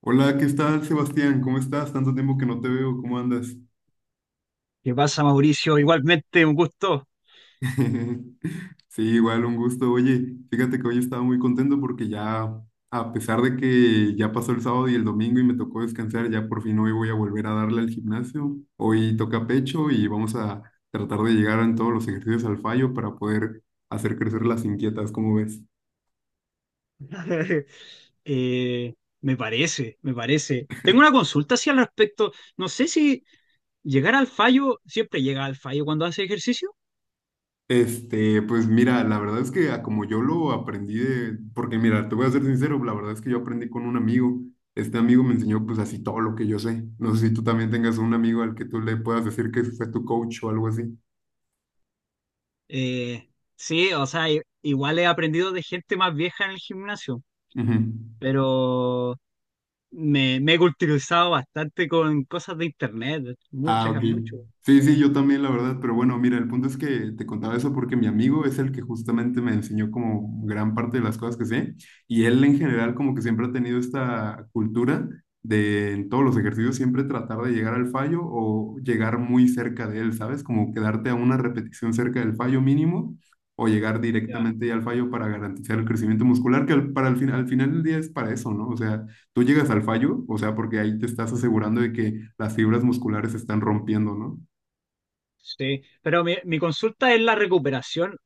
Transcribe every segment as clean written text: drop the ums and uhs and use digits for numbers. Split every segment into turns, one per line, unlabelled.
Hola, ¿qué tal, Sebastián? ¿Cómo estás? Tanto tiempo que no te veo, ¿cómo andas?
¿Qué pasa, Mauricio? Igualmente, un gusto.
Sí, igual un gusto. Oye, fíjate que hoy estaba muy contento porque ya, a pesar de que ya pasó el sábado y el domingo y me tocó descansar, ya por fin hoy voy a volver a darle al gimnasio. Hoy toca pecho y vamos a tratar de llegar en todos los ejercicios al fallo para poder hacer crecer las inquietas, ¿cómo ves?
Eh, Me parece, me parece. Tengo una consulta así al respecto. No sé si llegar al fallo, siempre llega al fallo cuando hace ejercicio.
Pues mira, la verdad es que a como yo lo aprendí de, porque mira, te voy a ser sincero, la verdad es que yo aprendí con un amigo. Este amigo me enseñó pues así todo lo que yo sé. No sé si tú también tengas un amigo al que tú le puedas decir que fue tu coach o algo así.
Eh, sí, o sea, igual he aprendido de gente más vieja en el gimnasio,
Ujú.
pero me he culturizado bastante con cosas de internet,
Ah,
muchas,
ok.
mucho.
Sí, sí,
Eh,
yo también, la verdad. Pero bueno, mira, el punto es que te contaba eso porque mi amigo es el que justamente me enseñó como gran parte de las cosas que sé. Y él en general como que siempre ha tenido esta cultura de en todos los ejercicios siempre tratar de llegar al fallo o llegar muy cerca de él, ¿sabes? Como quedarte a una repetición cerca del fallo mínimo o llegar directamente ya al fallo para garantizar el crecimiento muscular, que al final del día es para eso, ¿no? O sea, ¿tú llegas al fallo? O sea, porque ahí te estás asegurando de que las fibras musculares se están rompiendo, ¿no?
Sí, pero mi consulta es la recuperación,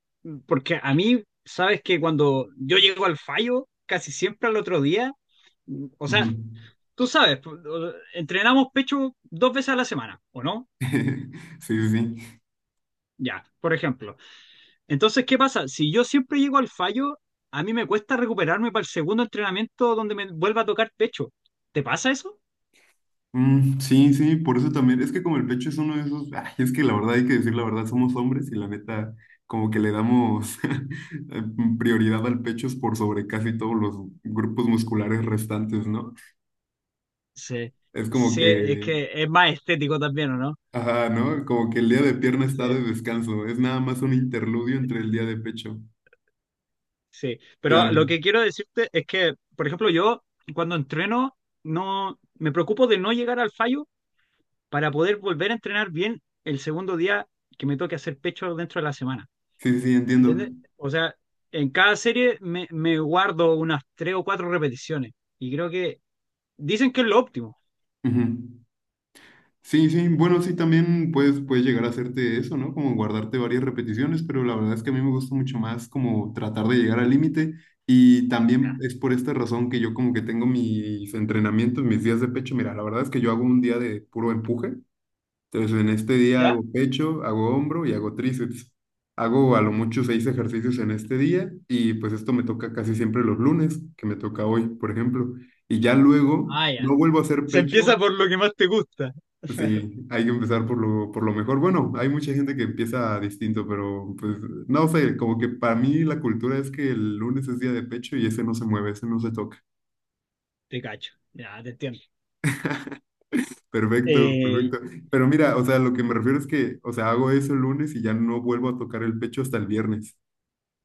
porque a mí, sabes que cuando yo llego al fallo, casi siempre al otro día, o
Ujú.
sea, tú sabes, entrenamos pecho dos veces a la semana, ¿o no?
Sí, sí, sí.
Ya, por ejemplo. Entonces, ¿qué pasa? Si yo siempre llego al fallo, a mí me cuesta recuperarme para el segundo entrenamiento donde me vuelva a tocar pecho. ¿Te pasa eso?
Mm, sí, sí, por eso también. Es que como el pecho es uno de esos, ay, es que la verdad hay que decir la verdad, somos hombres y la neta, como que le damos prioridad al pecho es por sobre casi todos los grupos musculares restantes, ¿no?
Sí,
Es como
sí, es
que,
que es más estético también, ¿o no?
ajá, ¿no? Como que el día de pierna está de descanso, es nada más un interludio entre el día de pecho.
Sí, pero
Claro,
lo que quiero decirte es que, por ejemplo, yo cuando entreno no me preocupo de no llegar al fallo para poder volver a entrenar bien el segundo día que me toque hacer pecho dentro de la semana.
sí, sí, sí, entiendo.
¿Entiendes? O sea, en cada serie me guardo unas tres o cuatro repeticiones y creo que dicen que es lo óptimo.
Ujú. Sí, sí, bueno, sí, también puedes llegar a hacerte eso, ¿no? Como guardarte varias repeticiones, pero la verdad es que a mí me gusta mucho más como tratar de llegar al límite y también es por esta razón que yo como que tengo mis entrenamientos, mis días de pecho. Mira, la verdad es que yo hago un día de puro empuje, entonces en este día
¿Ya?
hago pecho, hago hombro y hago tríceps. Hago a lo mucho seis ejercicios en este día y pues esto me toca casi siempre los lunes, que me toca hoy, por ejemplo. Y ya luego
Ah,
no
ya.
vuelvo a hacer
Se empieza
pecho.
por lo que más te gusta.
Sí, hay que empezar por lo mejor. Bueno, hay mucha gente que empieza distinto, pero pues no sé, como que para mí la cultura es que el lunes es día de pecho y ese no se mueve, ese no se toca.
Te cacho. Ya, te entiendo.
Perfecto,
Eh,
perfecto. Pero mira, o sea, lo que me refiero es que, o sea, hago eso el lunes y ya no vuelvo a tocar el pecho hasta el viernes.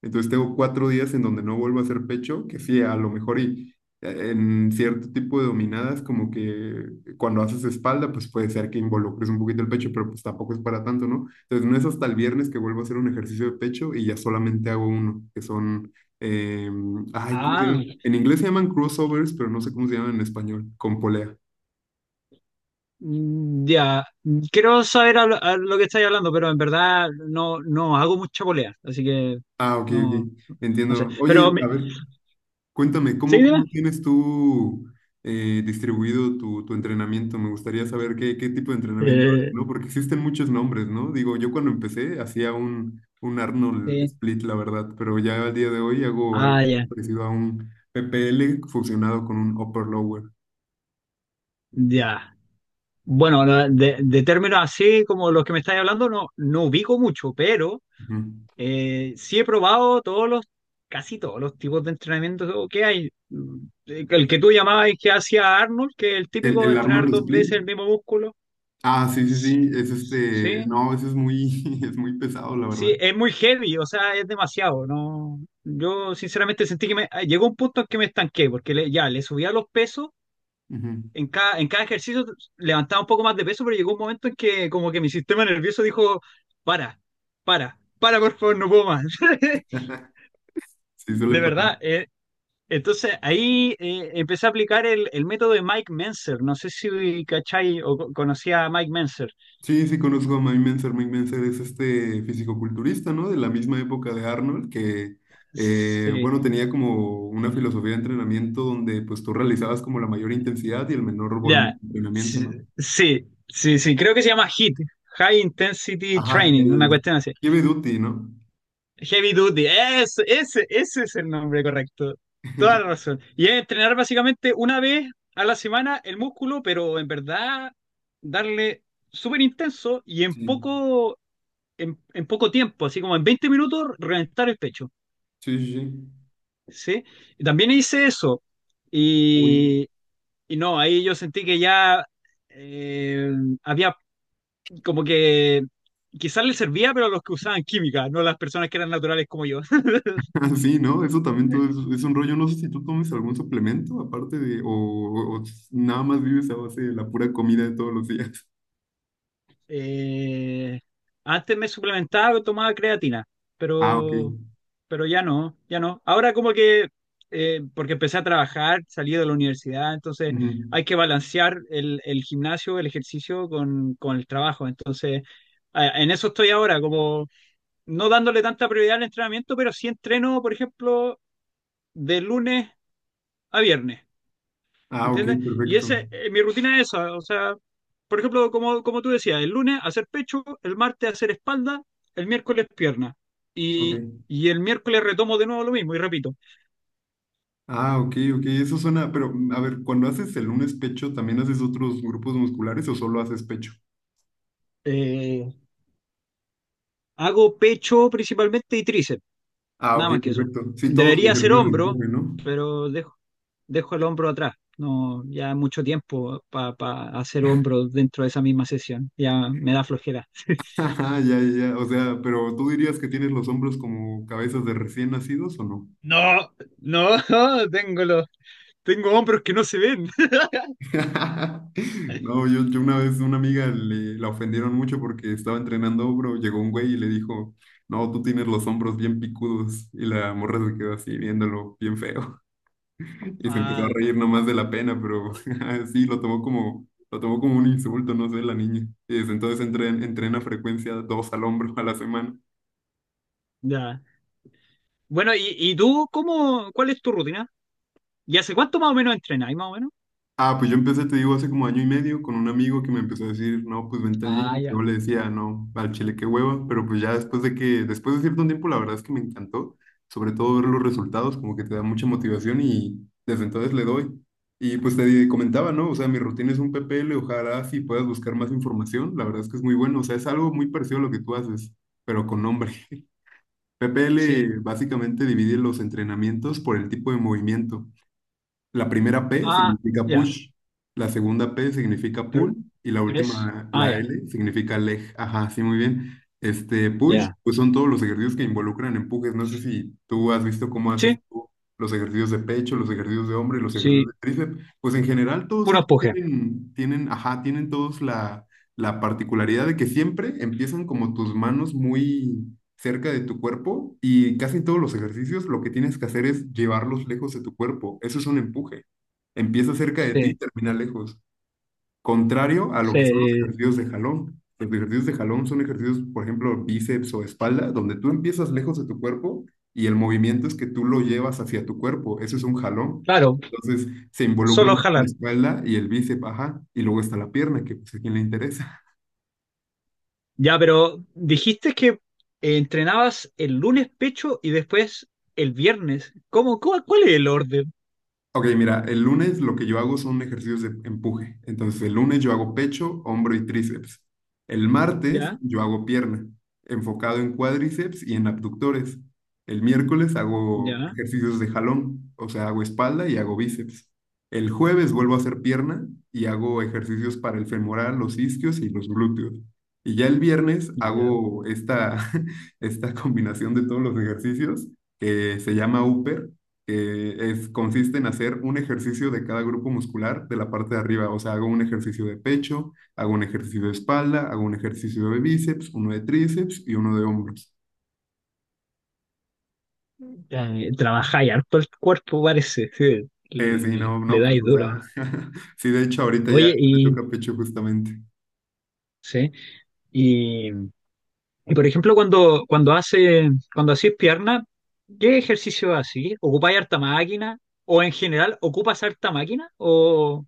Entonces tengo 4 días en donde no vuelvo a hacer pecho, que sí, a lo mejor y en cierto tipo de dominadas, como que cuando haces espalda, pues puede ser que involucres un poquito el pecho, pero pues tampoco es para tanto, ¿no? Entonces no es hasta el viernes que vuelvo a hacer un ejercicio de pecho y ya solamente hago uno, que son, eh, ay, ¿cómo se
ah,
llama? En inglés se llaman crossovers, pero no sé cómo se llaman en español, con polea.
Ya, quiero saber a lo que estáis hablando, pero en verdad no hago mucha polea, así que
Ah, ok, ok,
no, no sé.
entiendo. Oye, a ver. Cuéntame,
¿Sí,
¿cómo,
dime?
cómo tienes tú distribuido tu entrenamiento? Me gustaría saber qué tipo de entrenamiento haces,
Eh,
¿no? Porque existen muchos nombres, ¿no? Digo, yo cuando empecé hacía un Arnold
sí.
Split, la verdad, pero ya al día de hoy hago algo
Ah, ya,
parecido a un PPL fusionado con un Upper Lower.
ya. Bueno, de términos así como los que me estáis hablando, no ubico mucho, pero
Ujú.
sí he probado todos los, casi todos los tipos de entrenamiento que hay. El que tú llamabas y que hacía Arnold, que es el
El,
típico de
el
entrenar
Arnold
dos veces
Split,
el mismo músculo.
ah, sí, sí, sí, es este,
Sí.
no, eso es muy pesado, la verdad.
Sí, es muy heavy, o sea, es demasiado, ¿no? Yo sinceramente sentí que llegó un punto en que me estanqué, porque ya le subía los pesos,
Ujú.
en cada ejercicio levantaba un poco más de peso, pero llegó un momento en que como que mi sistema nervioso dijo, para, para, por favor, no puedo más.
Sí, suele
De
pasar.
verdad, entonces ahí empecé a aplicar el método de Mike Menzer, no sé si cachai o conocía a Mike Menzer.
Sí, sí conozco a Mike Mentzer. Mike Mentzer es este fisicoculturista, ¿no? De la misma época de Arnold, que,
Sí.
bueno, tenía como una filosofía de entrenamiento donde pues tú realizabas como la mayor intensidad y el menor volumen
Ya,
de entrenamiento,
sí,
¿no?
sí, sí, sí, creo que se llama HIIT, High Intensity
Ajá,
Training, una
el
cuestión así.
heavy duty, ¿no?
Heavy Duty, ese es el nombre correcto. Toda la razón. Y es entrenar básicamente una vez a la semana el músculo, pero en verdad darle súper intenso y en
Sí,
poco, en, en poco tiempo, así como en 20 minutos, reventar el pecho.
sí, sí. Sí.
¿Sí? Y también hice eso.
Uy.
Y, y no, ahí yo sentí que ya eh, había como que quizás les servía, pero a los que usaban química, no a las personas que eran naturales como yo.
Ah, sí, ¿no? Eso también todo es un rollo. No sé si tú tomes algún suplemento aparte de, o nada más vives a base de la pura comida de todos los días.
Eh, Antes me suplementaba, tomaba creatina,
Ah, ok.
pero, pero ya no, ya no. Ahora como que, porque empecé a trabajar, salí de la universidad, entonces
Ujú.
hay que balancear el gimnasio, el ejercicio con el trabajo. Entonces, en eso estoy ahora, como no dándole tanta prioridad al entrenamiento, pero sí entreno, por ejemplo, de lunes a viernes. ¿Me
Ah, ok,
entiendes? Y
perfecto.
mi rutina es esa, o sea, por ejemplo, como tú decías, el lunes hacer pecho, el martes hacer espalda, el miércoles pierna. Y,
Ok.
y el miércoles retomo de nuevo lo mismo y repito.
Ah, ok, ok, eso suena, pero a ver, cuando haces el lunes pecho, ¿también haces otros grupos musculares o solo haces pecho?
Eh, Hago pecho principalmente y tríceps,
Ah, ok,
nada más que eso.
perfecto. Sí, todos
Debería hacer
ejercicios de
hombro,
empuje, ¿no?
pero dejo el hombro atrás. No, ya es mucho tiempo para hacer hombro dentro de esa misma sesión. Ya me da flojera.
Ajá, ya, ya, ya. O sea, pero ¿tú dirías que tienes los hombros como cabezas de recién nacidos o no?
No, no, tengo los, tengo hombros que no se ven.
No, yo una vez una amiga la ofendieron mucho porque estaba entrenando hombro, llegó un güey y le dijo, no, tú tienes los hombros bien picudos y la morra se quedó así viéndolo bien feo. Y se empezó a
Ah,
reír nomás de la pena, pero sí, lo tomó como un insulto, no sé, la niña. Y desde entonces entrena frecuencia dos al hombro a la semana.
ya. Bueno, ¿Y tú cuál es tu rutina? ¿Y hace cuánto más o menos entrenáis, más o menos?
Ah, pues yo empecé, te digo, hace como año y medio con un amigo que me empezó a decir, no, pues vente al
Ah,
gym. Yo
ya.
le decía, no, al chile qué hueva, pero pues ya después de cierto tiempo, la verdad es que me encantó, sobre todo ver los resultados, como que te da mucha motivación y desde entonces le doy. Y pues te comentaba, ¿no? O sea, mi rutina es un PPL, ojalá si puedas buscar más información, la verdad es que es muy bueno, o sea, es algo muy parecido a lo que tú haces, pero con nombre.
Sí.
PPL básicamente divide los entrenamientos por el tipo de movimiento. La primera P
Ah,
significa
ya.
push, la segunda P significa
Pero,
pull y la
pero es.
última,
Ah,
la
ya,
L, significa leg. Ajá, sí, muy bien. Este push,
ya.
pues son todos los ejercicios que involucran empujes. No sé si tú has visto cómo haces
Sí,
tú los ejercicios de pecho, los ejercicios de hombro y los ejercicios
sí.
de tríceps. Pues en general todos
Puro
ellos
empuje.
tienen, ajá, tienen todos la particularidad de que siempre empiezan como tus manos muy cerca de tu cuerpo y casi en todos los ejercicios lo que tienes que hacer es llevarlos lejos de tu cuerpo. Eso es un empuje. Empieza cerca de ti y
Sí,
termina lejos. Contrario a lo
sí.
que son los ejercicios de jalón. Los ejercicios de jalón son ejercicios, por ejemplo, bíceps o espalda, donde tú empiezas lejos de tu cuerpo y el movimiento es que tú lo llevas hacia tu cuerpo. Eso es un jalón.
Claro,
Entonces se involucra
solo
mucho la
jalar.
espalda y el bíceps, ajá, y luego está la pierna, que pues a quien le interesa.
Ya, pero dijiste que entrenabas el lunes pecho y después el viernes. ¿Cuál es el orden?
Ok, mira, el lunes lo que yo hago son ejercicios de empuje. Entonces, el lunes yo hago pecho, hombro y tríceps. El martes
Ya,
yo hago pierna, enfocado en cuádriceps y en abductores. El miércoles hago
ya,
ejercicios de jalón, o sea, hago espalda y hago bíceps. El jueves vuelvo a hacer pierna y hago ejercicios para el femoral, los isquios y los glúteos. Y ya el viernes
ya.
hago esta, esta combinación de todos los ejercicios que se llama upper. Consiste en hacer un ejercicio de cada grupo muscular de la parte de arriba. O sea, hago un ejercicio de pecho, hago un ejercicio de espalda, hago un ejercicio de bíceps, uno de tríceps y uno de hombros.
Trabajáis harto el cuerpo, parece.
Sí,
Sí,
no,
le
no, pues,
dais
o
duro.
sea, sí, de hecho, ahorita ya
Oye,
me
y
toca pecho justamente.
sí, y, y por ejemplo, cuando hacís pierna, ¿qué ejercicio haces? ¿Ocupáis harta máquina? ¿O en general ocupas harta máquina? ¿O,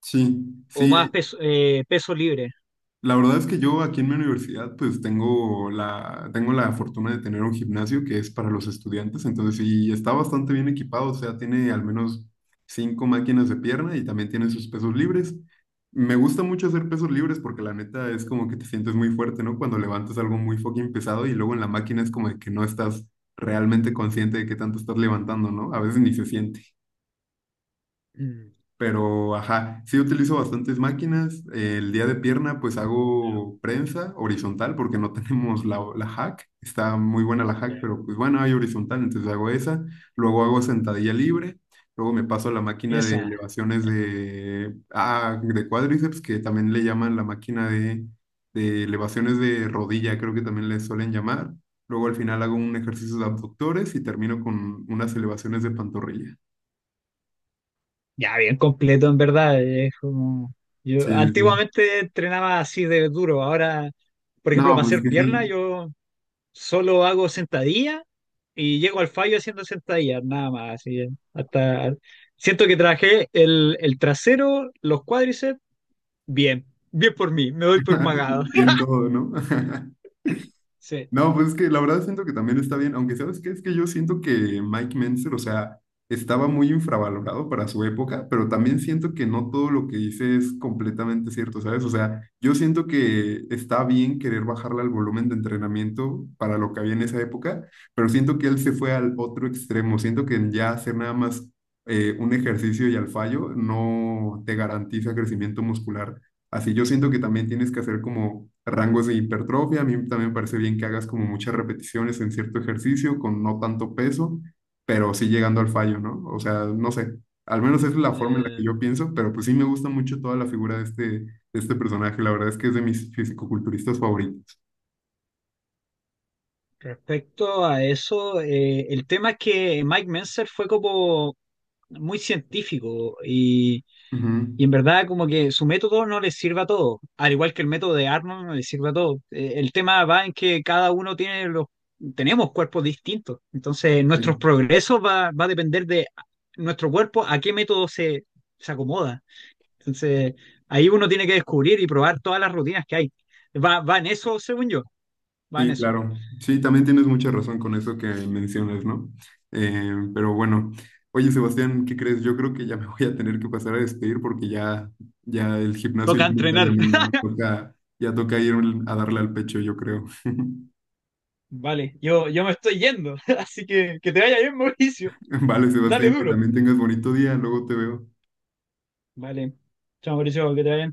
Sí,
o más
sí.
peso, peso libre?
La verdad es que yo aquí en mi universidad pues tengo la fortuna de tener un gimnasio que es para los estudiantes, entonces sí está bastante bien equipado, o sea, tiene al menos cinco máquinas de pierna y también tiene sus pesos libres. Me gusta mucho hacer pesos libres porque la neta es como que te sientes muy fuerte, ¿no? Cuando levantas algo muy fucking pesado y luego en la máquina es como de que no estás realmente consciente de qué tanto estás levantando, ¿no? A veces ni se siente.
Mm,
Pero, ajá, sí utilizo bastantes máquinas. El día de pierna, pues
no,
hago prensa horizontal porque no tenemos la hack. Está muy buena la hack,
ya.
pero pues bueno, hay horizontal, entonces hago esa. Luego hago sentadilla libre. Luego me paso a la máquina de
Esa,
elevaciones de cuádriceps, que también le llaman la máquina de elevaciones de rodilla, creo que también le suelen llamar. Luego al final hago un ejercicio de abductores y termino con unas elevaciones de pantorrilla.
ya bien completo en verdad. Es como.
Sí,
Yo
sí, sí.
antiguamente entrenaba así de duro. Ahora, por ejemplo,
No,
para
pues
hacer
que
pierna,
sí.
yo solo hago sentadilla y llego al fallo haciendo sentadillas, nada más. Así, hasta siento que trabajé el trasero, los cuádriceps, bien, bien por mí, me doy por pagado.
Y en todo, ¿no?
Sí.
No, pues es que la verdad siento que también está bien, aunque ¿sabes qué? Es que yo siento que Mike Mentzer, o sea, estaba muy infravalorado para su época, pero también siento que no todo lo que dice es completamente cierto, ¿sabes? O sea, yo siento que está bien querer bajarle al volumen de entrenamiento para lo que había en esa época, pero siento que él se fue al otro extremo, siento que ya hacer nada más un ejercicio y al fallo no te garantiza crecimiento muscular. Así yo siento que también tienes que hacer como rangos de hipertrofia. A mí también me parece bien que hagas como muchas repeticiones en cierto ejercicio con no tanto peso, pero sí llegando al fallo, ¿no? O sea, no sé, al menos esa es la forma en la que
eh,
yo pienso, pero pues sí me gusta mucho toda la figura de este personaje. La verdad es que es de mis fisicoculturistas favoritos.
Respecto a eso, el tema es que Mike Menzer fue como muy científico.
Ujú.
Y en verdad como que su método no les sirve a todos, al igual que el método de Arnold no les sirve a todos. El tema va en que cada uno tenemos cuerpos distintos, entonces nuestros
Sí.
progresos va a depender de nuestro cuerpo a qué método se acomoda. Entonces ahí uno tiene que descubrir y probar todas las rutinas que hay. Va en eso, según yo, va
Sí,
en eso.
claro. Sí, también tienes mucha razón con eso que mencionas, ¿no? Pero bueno, oye Sebastián, ¿qué crees? Yo creo que ya me voy a tener que pasar a despedir porque ya el gimnasio
Toca
ya me está
entrenar.
llamando. Ya toca ir a darle al pecho, yo creo.
Vale, yo me estoy yendo, así que te vaya bien, Mauricio.
Vale,
Dale
Sebastián, que
duro.
también tengas bonito día. Luego te veo.
Vale, chao, Mauricio, que te vaya bien.